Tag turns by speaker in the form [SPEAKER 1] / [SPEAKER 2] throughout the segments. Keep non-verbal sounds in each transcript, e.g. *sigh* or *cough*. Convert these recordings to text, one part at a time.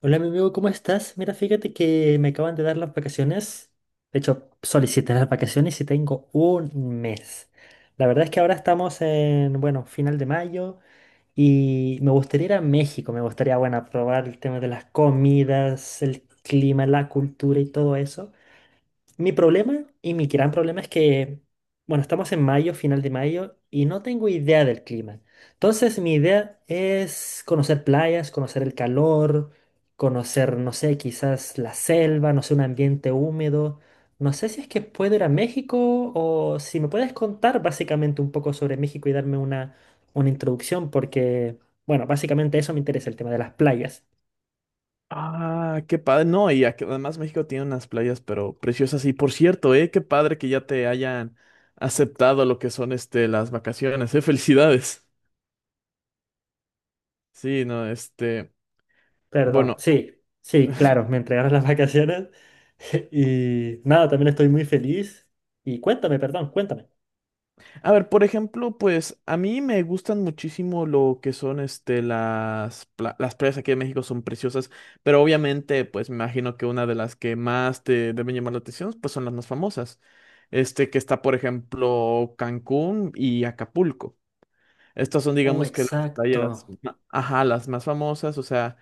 [SPEAKER 1] Hola, mi amigo, ¿cómo estás? Mira, fíjate que me acaban de dar las vacaciones. De hecho, solicité las vacaciones y tengo un mes. La verdad es que ahora estamos en, bueno, final de mayo y me gustaría ir a México. Me gustaría, bueno, probar el tema de las comidas, el clima, la cultura y todo eso. Mi problema y mi gran problema es que, bueno, estamos en mayo, final de mayo, y no tengo idea del clima. Entonces, mi idea es conocer playas, conocer el calor, conocer, no sé, quizás la selva, no sé, un ambiente húmedo. No sé si es que puedo ir a México o si me puedes contar básicamente un poco sobre México y darme una introducción, porque, bueno, básicamente eso me interesa, el tema de las playas.
[SPEAKER 2] Ah, qué padre. No, y además México tiene unas playas, pero preciosas. Y por cierto, qué padre que ya te hayan aceptado lo que son las vacaciones, *laughs* Felicidades. Sí, no,
[SPEAKER 1] Perdón,
[SPEAKER 2] bueno,
[SPEAKER 1] sí, sí, claro, me entregaron las vacaciones *laughs* y nada, también estoy muy feliz. Y cuéntame, perdón, cuéntame.
[SPEAKER 2] a ver, por ejemplo, pues a mí me gustan muchísimo lo que son las las playas aquí de México son preciosas, pero obviamente, pues me imagino que una de las que más te deben llamar la atención, pues son las más famosas. Este, que está, por ejemplo, Cancún y Acapulco. Estas son,
[SPEAKER 1] Oh,
[SPEAKER 2] digamos que las playas,
[SPEAKER 1] exacto.
[SPEAKER 2] ajá, las más famosas, o sea,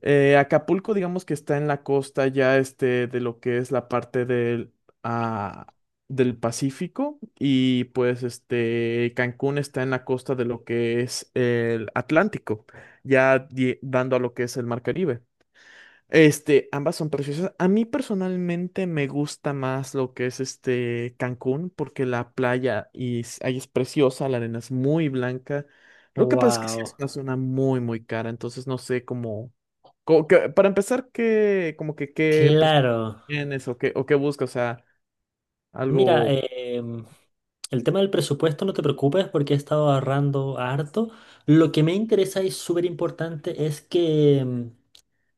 [SPEAKER 2] Acapulco, digamos que está en la costa ya de lo que es la parte ah, del Pacífico y pues Cancún está en la costa de lo que es el Atlántico, ya dando a lo que es el Mar Caribe. Este, ambas son preciosas. A mí personalmente me gusta más lo que es Cancún, porque la playa y ahí es preciosa, la arena es muy blanca. Lo que pasa es que sí es
[SPEAKER 1] Wow,
[SPEAKER 2] una zona muy, muy cara, entonces no sé cómo, para empezar, como que qué presupuesto
[SPEAKER 1] claro.
[SPEAKER 2] tienes o qué buscas, o sea,
[SPEAKER 1] Mira,
[SPEAKER 2] algo.
[SPEAKER 1] el tema del presupuesto no te preocupes porque he estado ahorrando harto. Lo que me interesa y súper importante es que.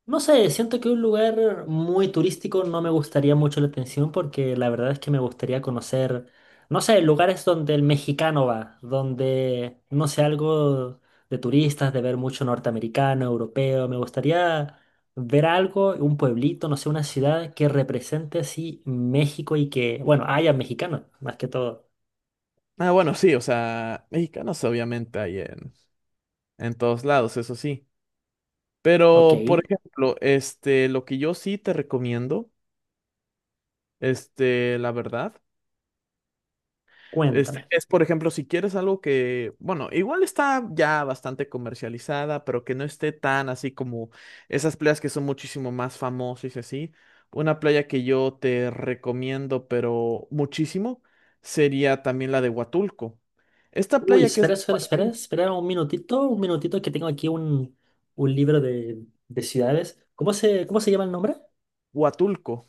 [SPEAKER 1] No sé, siento que un lugar muy turístico no me gustaría mucho la atención porque la verdad es que me gustaría conocer, no sé, lugares donde el mexicano va, donde, no sé, algo de turistas, de ver mucho norteamericano, europeo. Me gustaría ver algo, un pueblito, no sé, una ciudad que represente así México y que, bueno, haya mexicanos, más que todo.
[SPEAKER 2] Ah, bueno, sí, o sea, mexicanos obviamente hay en todos lados, eso sí.
[SPEAKER 1] Ok,
[SPEAKER 2] Pero, por ejemplo, lo que yo sí te recomiendo. Este, la verdad. Este,
[SPEAKER 1] cuéntame.
[SPEAKER 2] es, por ejemplo, si quieres algo que, bueno, igual está ya bastante comercializada, pero que no esté tan así como esas playas que son muchísimo más famosas y así. Una playa que yo te recomiendo, pero muchísimo, sería también la de Huatulco. Esta
[SPEAKER 1] Uy,
[SPEAKER 2] playa que
[SPEAKER 1] espera,
[SPEAKER 2] es
[SPEAKER 1] espera, espera, espera un minutito que tengo aquí un libro de ciudades. Cómo se llama el nombre?
[SPEAKER 2] Huatulco,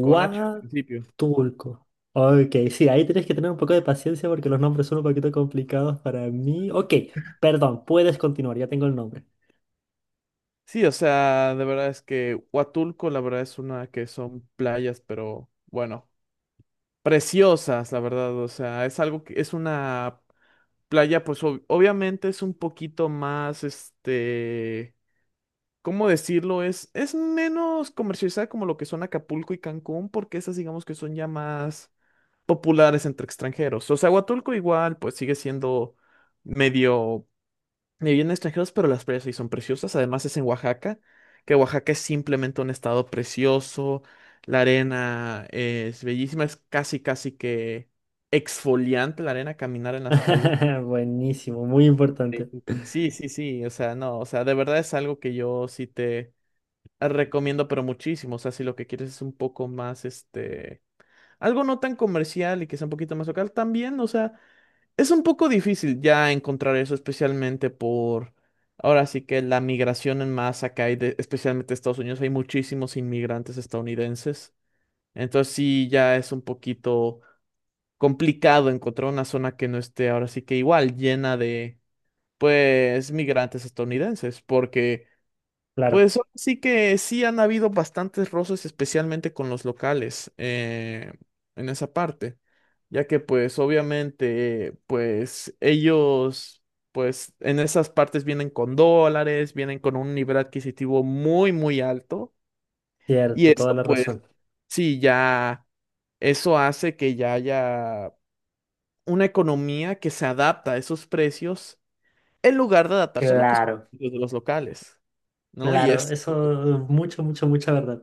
[SPEAKER 2] con H al principio.
[SPEAKER 1] Ok, sí, ahí tienes que tener un poco de paciencia porque los nombres son un poquito complicados para mí. Ok, perdón, puedes continuar, ya tengo el nombre.
[SPEAKER 2] Sí, o sea, de verdad es que Huatulco, la verdad es una que son playas, pero bueno, preciosas, la verdad. O sea, es algo que es una. Playa, pues obviamente es un poquito más, ¿cómo decirlo? Es menos comercializada como lo que son Acapulco y Cancún, porque esas digamos que son ya más populares entre extranjeros. O sea, Huatulco igual, pues sigue siendo medio, medio lleno de extranjeros, pero las playas sí son preciosas. Además es en Oaxaca, que Oaxaca es simplemente un estado precioso. La arena es bellísima, es casi, casi que exfoliante la arena, caminar en las playas
[SPEAKER 1] *laughs* Buenísimo, muy importante.
[SPEAKER 2] increíble. Sí, sí, sí, o sea, no, o sea, de verdad es algo que yo sí te recomiendo, pero muchísimo, o sea, si lo que quieres es un poco más, algo no tan comercial y que sea un poquito más local, también, o sea, es un poco difícil ya encontrar eso, especialmente ahora sí que la migración en masa que hay, de, especialmente de Estados Unidos, hay muchísimos inmigrantes estadounidenses, entonces sí, ya es un poquito complicado encontrar una zona que no esté ahora sí que igual llena de pues migrantes estadounidenses, porque
[SPEAKER 1] Claro,
[SPEAKER 2] pues ahora sí que sí han habido bastantes roces, especialmente con los locales en esa parte, ya que pues obviamente pues ellos pues en esas partes vienen con dólares, vienen con un nivel adquisitivo muy muy alto y
[SPEAKER 1] cierto, toda
[SPEAKER 2] esto
[SPEAKER 1] la
[SPEAKER 2] pues
[SPEAKER 1] razón.
[SPEAKER 2] sí ya eso hace que ya haya una economía que se adapta a esos precios en lugar de adaptarse a lo que son
[SPEAKER 1] Claro,
[SPEAKER 2] los precios de los locales. ¿No? Y
[SPEAKER 1] claro,
[SPEAKER 2] es,
[SPEAKER 1] eso, mucho, mucho, mucha verdad.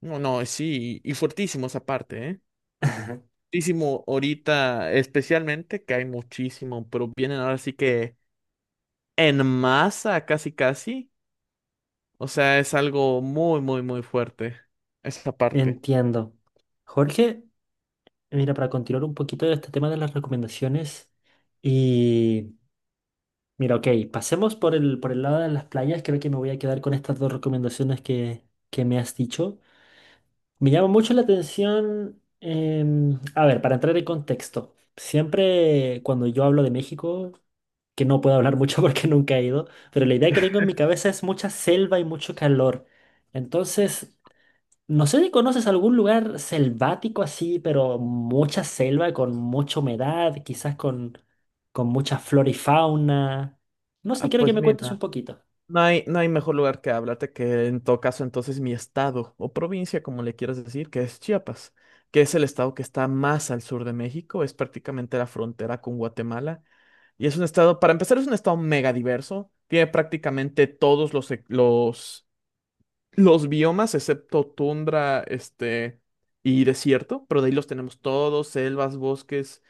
[SPEAKER 2] no, no, sí, y fuertísimos aparte, ¿eh?
[SPEAKER 1] *laughs*
[SPEAKER 2] Fuertísimo ahorita, especialmente, que hay muchísimo, pero vienen ahora sí que en masa, casi, casi. O sea, es algo muy, muy, muy fuerte, esa parte.
[SPEAKER 1] Entiendo. Jorge. Mira, para continuar un poquito de este tema de las recomendaciones y mira, ok, pasemos por por el lado de las playas, creo que me voy a quedar con estas dos recomendaciones que me has dicho. Me llama mucho la atención, em, a ver, para entrar en contexto, siempre cuando yo hablo de México, que no puedo hablar mucho *laughs* porque nunca he ido, pero la idea que tengo en mi cabeza es mucha selva y mucho calor. Entonces, no sé si conoces algún lugar selvático así, pero mucha selva, con mucha humedad, quizás con mucha flora y fauna. No sé,
[SPEAKER 2] Ah,
[SPEAKER 1] quiero que
[SPEAKER 2] pues
[SPEAKER 1] me cuentes un
[SPEAKER 2] mira.
[SPEAKER 1] poquito.
[SPEAKER 2] No hay, no hay mejor lugar que hablarte que en todo caso entonces mi estado o provincia, como le quieras decir, que es Chiapas, que es el estado que está más al sur de México, es prácticamente la frontera con Guatemala y es un estado, para empezar, es un estado mega diverso, tiene prácticamente todos los biomas excepto tundra, y desierto, pero de ahí los tenemos todos, selvas, bosques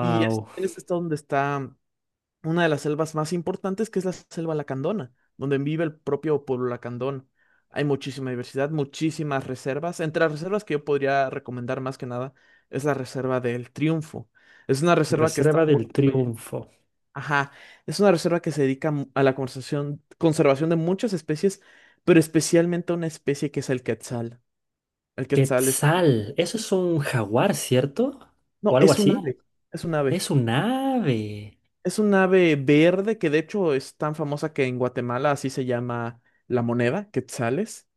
[SPEAKER 2] y es el estado donde está una de las selvas más importantes, que es la selva lacandona, donde vive el propio pueblo lacandón. Hay muchísima diversidad, muchísimas reservas. Entre las reservas que yo podría recomendar más que nada es la reserva del Triunfo. Es una reserva que está
[SPEAKER 1] Reserva del
[SPEAKER 2] por...
[SPEAKER 1] Triunfo.
[SPEAKER 2] Ajá, es una reserva que se dedica a la conservación, conservación de muchas especies, pero especialmente a una especie que es el quetzal. El quetzal es...
[SPEAKER 1] Quetzal, eso es un jaguar, ¿cierto? ¿O
[SPEAKER 2] No,
[SPEAKER 1] algo
[SPEAKER 2] es un
[SPEAKER 1] así?
[SPEAKER 2] ave, es un ave.
[SPEAKER 1] Es un ave.
[SPEAKER 2] Es un ave verde que de hecho es tan famosa que en Guatemala así se llama la moneda, quetzales.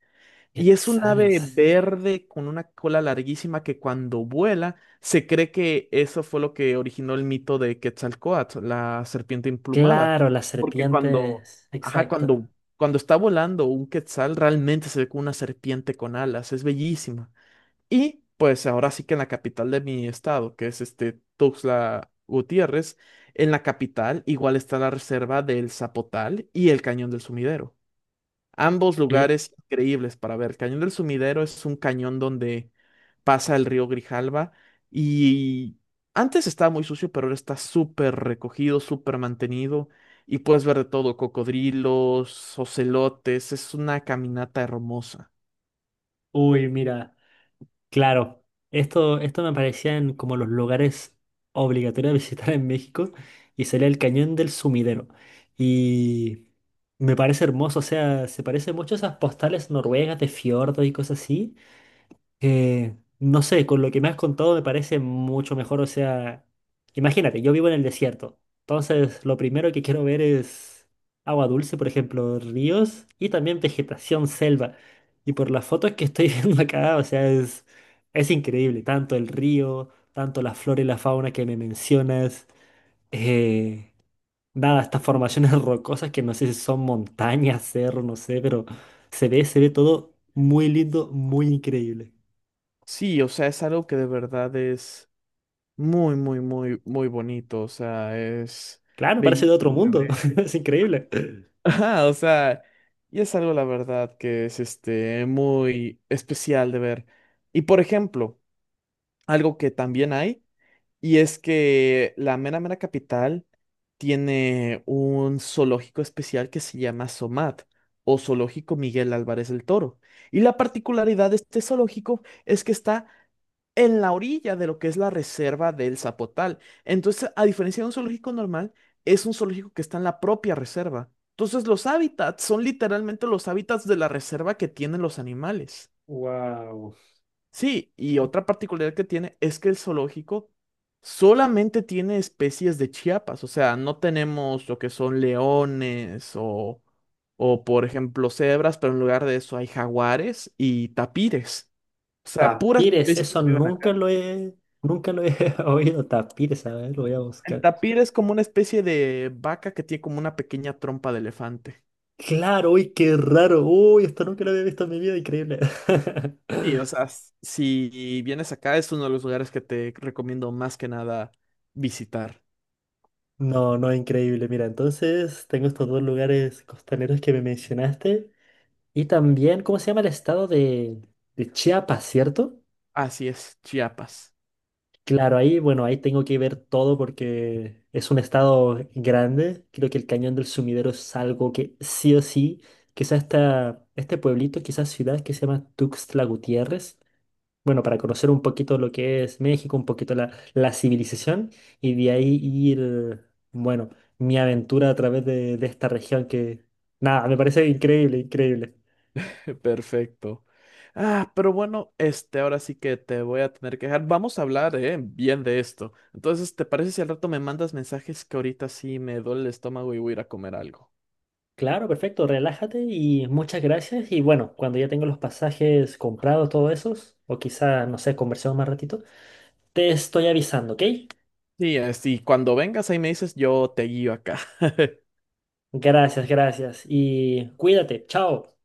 [SPEAKER 2] Y es un ave
[SPEAKER 1] Quetzales.
[SPEAKER 2] verde con una cola larguísima que cuando vuela se cree que eso fue lo que originó el mito de Quetzalcóatl, la serpiente emplumada.
[SPEAKER 1] Claro, las
[SPEAKER 2] Porque cuando,
[SPEAKER 1] serpientes.
[SPEAKER 2] ajá,
[SPEAKER 1] Exacto.
[SPEAKER 2] cuando está volando un quetzal realmente se ve como una serpiente con alas. Es bellísima. Y pues ahora sí que en la capital de mi estado, que es este Tuxtla Gutiérrez, en la capital igual está la reserva del Zapotal y el Cañón del Sumidero. Ambos
[SPEAKER 1] Eh,
[SPEAKER 2] lugares increíbles para ver. El Cañón del Sumidero es un cañón donde pasa el río Grijalva y antes estaba muy sucio, pero ahora está súper recogido, súper mantenido y puedes ver de todo, cocodrilos, ocelotes, es una caminata hermosa.
[SPEAKER 1] uy, mira. Claro, esto me parecían como los lugares obligatorios de visitar en México y sería el Cañón del Sumidero. Y me parece hermoso, o sea, se parece mucho a esas postales noruegas de fiordos y cosas así. No sé, con lo que me has contado me parece mucho mejor. O sea, imagínate, yo vivo en el desierto. Entonces, lo primero que quiero ver es agua dulce, por ejemplo, ríos y también vegetación selva. Y por las fotos que estoy *laughs* viendo acá, o sea, es increíble. Tanto el río, tanto la flora y la fauna que me mencionas. Eh, nada, estas formaciones *laughs* rocosas que no sé si son montañas, cerros, no sé, pero se ve todo muy lindo, muy increíble.
[SPEAKER 2] Sí, o sea, es algo que de verdad es muy, muy, muy, muy bonito. O sea, es
[SPEAKER 1] Claro, parece de
[SPEAKER 2] bellísimo
[SPEAKER 1] otro
[SPEAKER 2] de
[SPEAKER 1] mundo.
[SPEAKER 2] ver.
[SPEAKER 1] *laughs* Es increíble.
[SPEAKER 2] *laughs* Ajá, o sea, y es algo, la verdad, que es muy especial de ver. Y por ejemplo, algo que también hay, y es que la mera mera capital tiene un zoológico especial que se llama SOMAT, o Zoológico Miguel Álvarez del Toro. Y la particularidad de este zoológico es que está en la orilla de lo que es la reserva del Zapotal. Entonces, a diferencia de un zoológico normal, es un zoológico que está en la propia reserva. Entonces, los hábitats son literalmente los hábitats de la reserva que tienen los animales.
[SPEAKER 1] Wow.
[SPEAKER 2] Sí, y otra particularidad que tiene es que el zoológico solamente tiene especies de Chiapas, o sea, no tenemos lo que son leones o por ejemplo, cebras, pero en lugar de eso hay jaguares y tapires, o sea, puras
[SPEAKER 1] Tapires,
[SPEAKER 2] especies
[SPEAKER 1] eso
[SPEAKER 2] que viven
[SPEAKER 1] nunca
[SPEAKER 2] acá.
[SPEAKER 1] lo he, nunca lo he *laughs* oído. Tapires, a ver, lo voy a
[SPEAKER 2] El
[SPEAKER 1] buscar.
[SPEAKER 2] tapir es como una especie de vaca que tiene como una pequeña trompa de elefante.
[SPEAKER 1] Claro, uy, qué raro. Uy, esto nunca lo había visto en mi vida, increíble. *laughs*
[SPEAKER 2] Y, o sea, si vienes acá, es uno de los lugares que te recomiendo más que nada visitar.
[SPEAKER 1] No, no, increíble. Mira, entonces tengo estos dos lugares costaneros que me mencionaste. Y también, ¿cómo se llama el estado de Chiapas, cierto?
[SPEAKER 2] Así es, Chiapas.
[SPEAKER 1] Claro, ahí, bueno, ahí tengo que ver todo porque es un estado grande. Creo que el Cañón del Sumidero es algo que sí o sí, quizás esta, este pueblito, quizás ciudad que se llama Tuxtla Gutiérrez. Bueno, para conocer un poquito lo que es México, un poquito la civilización y de ahí ir, bueno, mi aventura a través de esta región que, nada, me parece increíble, increíble.
[SPEAKER 2] *laughs* Perfecto. Ah, pero bueno, ahora sí que te voy a tener que dejar. Vamos a hablar, bien de esto. Entonces, ¿te parece si al rato me mandas mensajes que ahorita sí me duele el estómago y voy a ir a comer algo?
[SPEAKER 1] Claro, perfecto, relájate y muchas gracias. Y bueno, cuando ya tengo los pasajes comprados, todos esos, o quizá, no sé, conversemos más ratito, te estoy avisando, ¿ok?
[SPEAKER 2] Sí, así, cuando vengas ahí me dices, yo te guío acá. *laughs*
[SPEAKER 1] Gracias, gracias. Y cuídate, chao.